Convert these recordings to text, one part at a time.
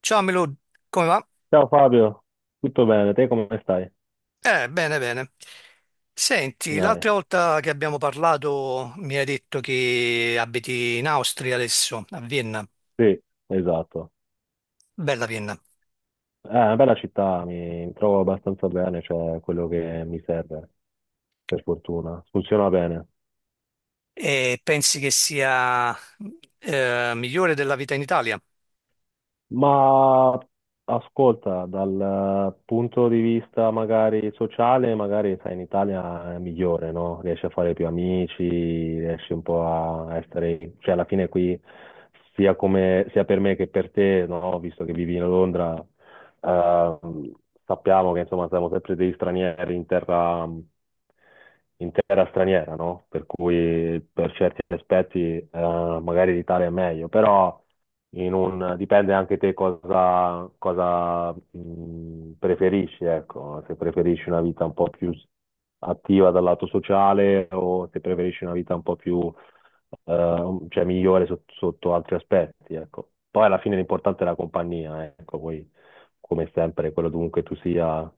Ciao Milud, come va? Ciao Fabio, tutto bene? Te come stai? Bene, bene. Senti, l'altra Dai, volta che abbiamo parlato mi hai detto che abiti in Austria adesso, a Vienna, sì, esatto. bella Vienna, È una bella città, mi trovo abbastanza bene, cioè quello che mi serve, per fortuna. Funziona bene. e pensi che sia migliore della vita in Italia? Ma ascolta, dal punto di vista magari sociale, magari sai, in Italia è migliore, no? Riesci a fare più amici, riesci un po' a essere, cioè alla fine qui, sia come, sia per me che per te, no? Visto che vivi a Londra. Ehm, Sappiamo che insomma siamo sempre degli stranieri in terra straniera, no? Per cui per certi aspetti magari l'Italia è meglio, però dipende anche te cosa, cosa preferisci, ecco, se preferisci una vita un po' più attiva dal lato sociale o se preferisci una vita un po' più cioè migliore sotto altri aspetti, ecco. Poi alla fine l'importante è la compagnia, ecco, poi come sempre, quello dovunque tu sia,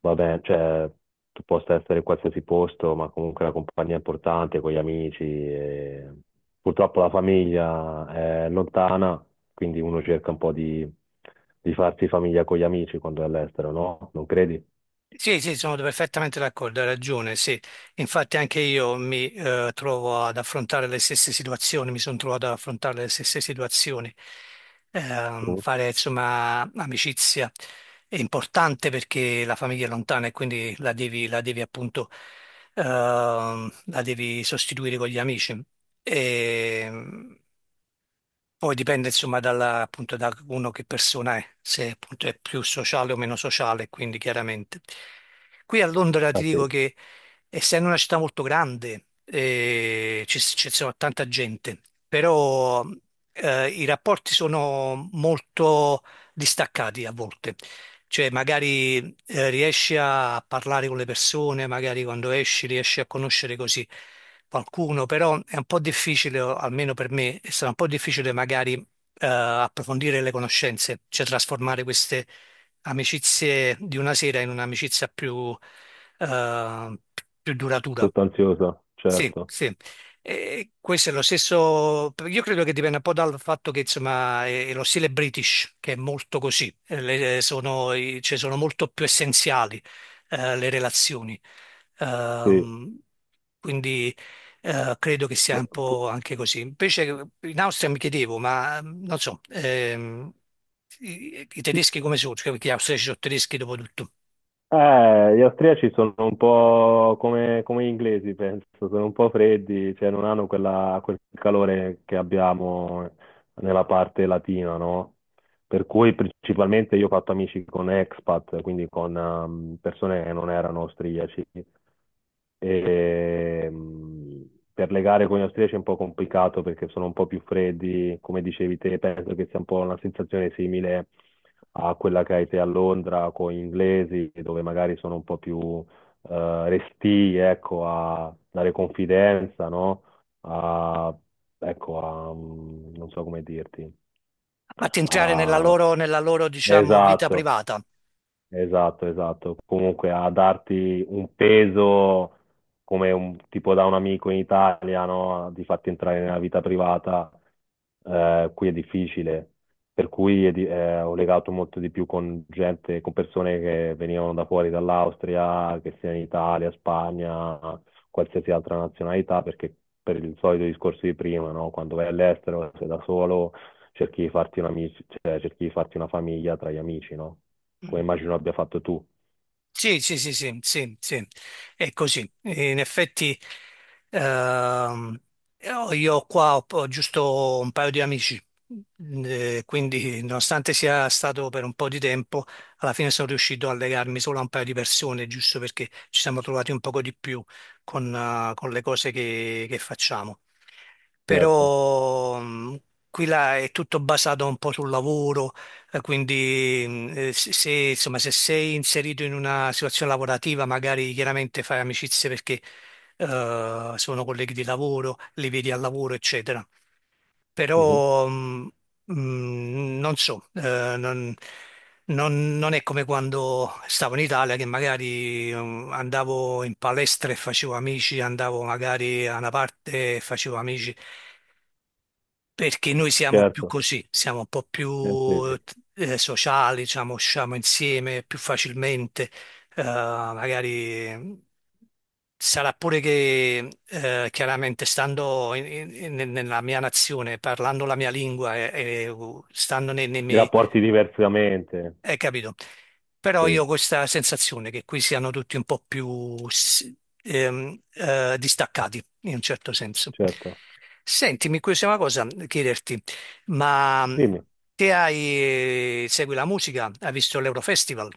va bene, cioè tu possa essere in qualsiasi posto, ma comunque la compagnia è importante, con gli amici. Purtroppo la famiglia è lontana, quindi uno cerca un po' di farsi famiglia con gli amici quando è all'estero, no? Non credi? Sì, sì, sono perfettamente d'accordo, hai ragione, sì. Infatti anche io mi trovo ad affrontare le stesse situazioni, mi sono trovato ad affrontare le stesse situazioni. Mm. Fare insomma amicizia è importante perché la famiglia è lontana e quindi la devi appunto la devi sostituire con gli amici. E, poi dipende insomma dalla, appunto da uno che persona è, se appunto è più sociale o meno sociale, quindi chiaramente. Qui a Londra ti Ah sì, dico che essendo una città molto grande ci sono tanta gente, però i rapporti sono molto distaccati a volte. Cioè magari riesci a parlare con le persone, magari quando esci riesci a conoscere così qualcuno, però è un po' difficile, o almeno per me, è stato un po' difficile magari approfondire le conoscenze, cioè trasformare queste amicizie di una sera in un'amicizia più, eh, più duratura. sostanziosa, Sì, certo. sì. E questo è lo stesso, io credo che dipenda un po' dal fatto che insomma è lo stile British che è molto così. Sono, cioè, sono molto più essenziali le relazioni. Sì. Ehm, quindi credo che sia un po' anche così. Invece in Austria mi chiedevo, ma non so, i tedeschi come sono? Cioè, perché gli austriaci sono tedeschi dopo tutto. Gli austriaci sono un po' come, come gli inglesi, penso, sono un po' freddi, cioè non hanno quel calore che abbiamo nella parte latina, no? Per cui principalmente io ho fatto amici con expat, quindi con persone che non erano austriaci. E, per legare con gli austriaci è un po' complicato perché sono un po' più freddi, come dicevi te, penso che sia un po' una sensazione simile a quella che hai te a Londra con gli inglesi, dove magari sono un po' più restii, ecco, a dare confidenza, no? A, ecco, non so come dirti. A parte entrare A, nella loro diciamo, vita esatto. privata. Esatto, esatto. Comunque a darti un peso come un tipo da un amico in Italia, no? Di farti entrare nella vita privata, qui è difficile. Per cui è ho legato molto di più con gente, con persone che venivano da fuori, dall'Austria, che sia in Italia, Spagna, qualsiasi altra nazionalità, perché per il solito discorso di prima, no? Quando vai all'estero, sei da solo, cerchi di farti cioè, cerchi di farti una famiglia tra gli amici, no? Come Mm. immagino abbia fatto tu. Sì, sì, sì, sì, sì, sì, è così. In effetti, ehm, io qua ho, ho giusto un paio di amici, quindi nonostante sia stato per un po' di tempo, alla fine sono riuscito a legarmi solo a un paio di persone, giusto perché ci siamo trovati un poco di più con le cose che facciamo. Certo. Però, qui là è tutto basato un po' sul lavoro. Quindi se, se, insomma, se sei inserito in una situazione lavorativa, magari chiaramente fai amicizie perché sono colleghi di lavoro, li vedi al lavoro, eccetera. Mhm. Però non so, non è come quando stavo in Italia che magari andavo in palestra e facevo amici, andavo magari a una parte e facevo amici perché noi siamo più Certo, così, siamo un po' più sì. eh, sociali, diciamo, usciamo insieme più facilmente, magari sarà pure che chiaramente stando in- in- in- nella mia nazione, parlando la mia lingua e, stando nei, nei I miei rapporti diversamente, capito. Però sì, io ho questa sensazione che qui siano tutti un po' più distaccati, in un certo senso. certo. Senti, mi incuriosiva una cosa chiederti, ma Dimmi. te hai, segui la musica? Hai visto l'Eurofestival?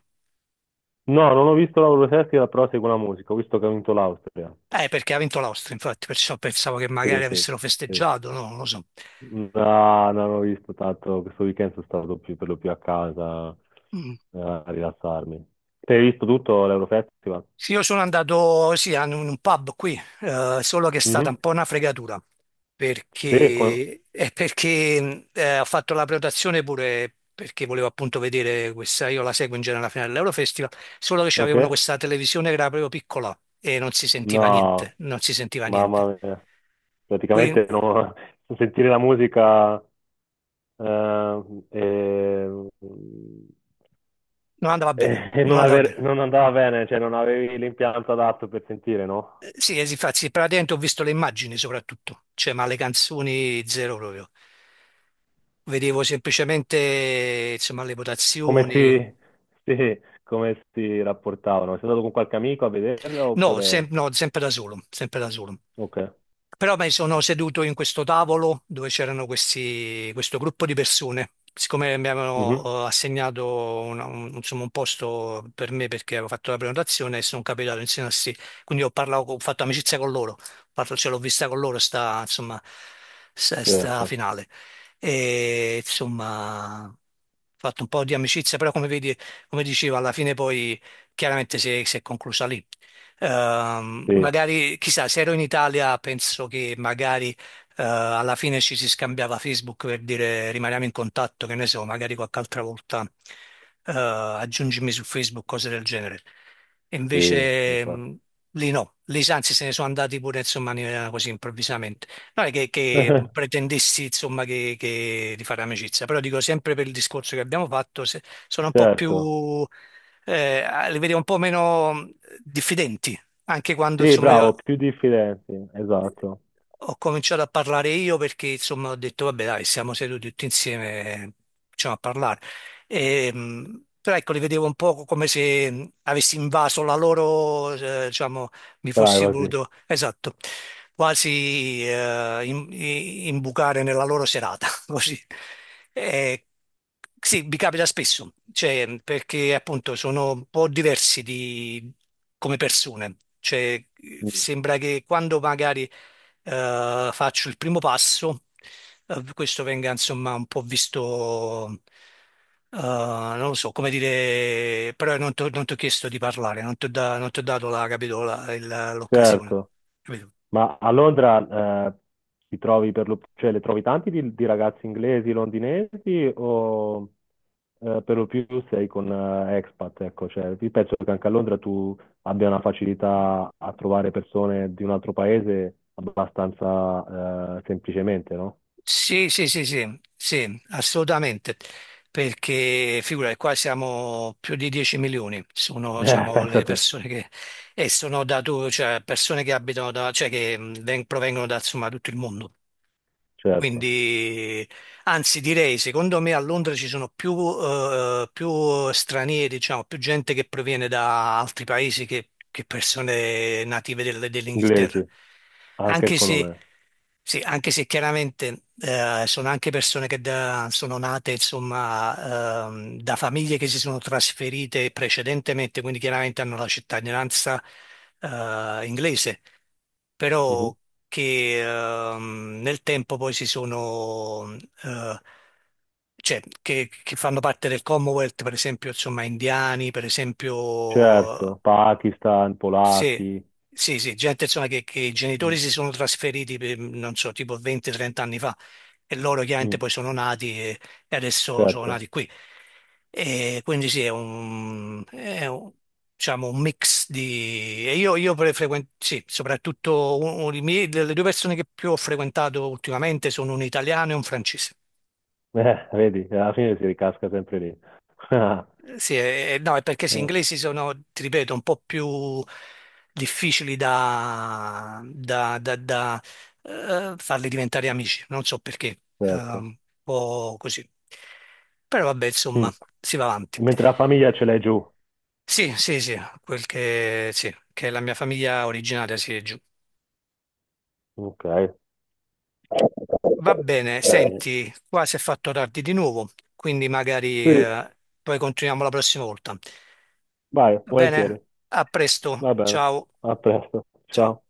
No, non ho visto l'Euro Festival, però seguo la musica, ho visto che ha vinto l'Austria. Perché ha vinto l'Austria, infatti, perciò pensavo che magari Sì, sì, avessero sì. festeggiato, no, non lo so. No, non ho visto tanto, questo weekend sono stato per lo più a casa Mm. A rilassarmi. Te hai visto tutto l'Euro Festival? Sì, io sono andato, sì, a un pub qui, solo che è stata un Mhm. po' una fregatura, Sì, con... perché, ho fatto la prenotazione pure perché volevo appunto vedere questa, io la seguo in genere alla fine dell'Eurofestival, solo che ok. c'avevano questa televisione che era proprio piccola e non si sentiva niente, No, non si sentiva niente, mamma mia. quindi Praticamente non sentire la musica eh, e, non andava bene, e non non, andava bene. non andava bene, cioè non avevi l'impianto adatto per sentire, no? Sì, sì, infatti, praticamente ho visto le immagini soprattutto, cioè, ma le canzoni zero proprio. Vedevo semplicemente, insomma, le Come votazioni. si, sì, come si rapportavano? Sei andato con qualche amico a vederlo oppure... No, sempre da solo, sempre da solo. Ok. Però mi sono seduto in questo tavolo dove c'erano questi, questo gruppo di persone. Siccome mi Mhm. avevano assegnato insomma, un posto per me perché avevo fatto la prenotazione e sono capitato insieme a sì. Quindi ho parlato, ho fatto amicizia con loro. Ce l'ho vista con loro sta, insomma, sta Certo, finale. E insomma, ho fatto un po' di amicizia, però come vedi, come dicevo, alla fine poi chiaramente si è conclusa lì. Sì, Magari, chissà, se ero in Italia penso che magari alla fine ci si scambiava Facebook per dire rimaniamo in contatto, che ne so, magari qualche altra volta aggiungimi su Facebook, cose del genere. E sì, invece infatti. Lì no, lì anzi se ne sono andati pure insomma in maniera così improvvisamente. Non è che pretendessi insomma di fare amicizia, però dico sempre per il discorso che abbiamo fatto, sono un po' Certo, più li vedi un po' meno diffidenti, anche quando sì, insomma, bravo, più diffidenti, esatto, ho cominciato a parlare io perché insomma ho detto vabbè dai siamo seduti tutti insieme cominciamo a parlare. Però ecco li vedevo un po' come se avessi invaso la loro diciamo mi fossi privacy. voluto esatto quasi imbucare nella loro serata così. Eh, sì mi capita spesso cioè perché appunto sono un po' diversi di, come persone cioè Mm. sembra che quando magari faccio il primo passo, questo venga insomma un po' visto, non lo so come dire, però non ti ho chiesto di parlare, non ti ho dato la, capito, l'occasione. Certo. Capito? Ma a Londra ti trovi per lo, cioè, le trovi tanti di ragazzi inglesi, londinesi o per lo più sei con expat? Ecco, cioè, io penso che anche a Londra tu abbia una facilità a trovare persone di un altro paese abbastanza semplicemente, no? Sì, sì, sì, sì, sì, assolutamente, perché figura, qua siamo più di 10 milioni, sono diciamo, pensa le te, persone che, e sono da tu, cioè persone che abitano da, cioè che provengono da insomma, tutto il mondo. certo, Quindi, anzi, direi, secondo me a Londra ci sono più, più stranieri, diciamo, più gente che proviene da altri paesi che persone native dell'Inghilterra. inglesi, anche Anche secondo se, me. sì, anche se chiaramente sono anche persone sono nate, insomma, da famiglie che si sono trasferite precedentemente, quindi chiaramente hanno la cittadinanza inglese. Mhm. Però che nel tempo poi si sono, eh, cioè, che fanno parte del Commonwealth, per esempio, insomma, indiani, per esempio, Certo, Pakistan, sì, polacchi. sì, sì, gente insomma che i genitori Mm. si sono trasferiti, per, non so, tipo 20-30 anni fa e loro chiaramente Mm, poi sono nati e adesso sono certo. nati qui. E quindi sì, diciamo, un mix di... E io sì, soprattutto le due persone che più ho frequentato ultimamente sono un italiano e un francese. Vedi, alla fine si ricasca sempre lì. Ah, Sì, no, è perché sì, gli eh, inglesi sono, ti ripeto, un po' più difficili da farli diventare amici, non so perché, certo. un po' così. Però vabbè, Mm. insomma, si va avanti. Mentre la famiglia ce l'hai giù. Sì, sì, sì, che la mia famiglia originaria si è giù. Ok. Va bene, Eh, senti, qua si è fatto tardi di nuovo, quindi magari, sì, poi continuiamo la prossima volta. vai, Va bene? volentieri. A presto, Va bene. ciao, A presto. ciao. Ciao.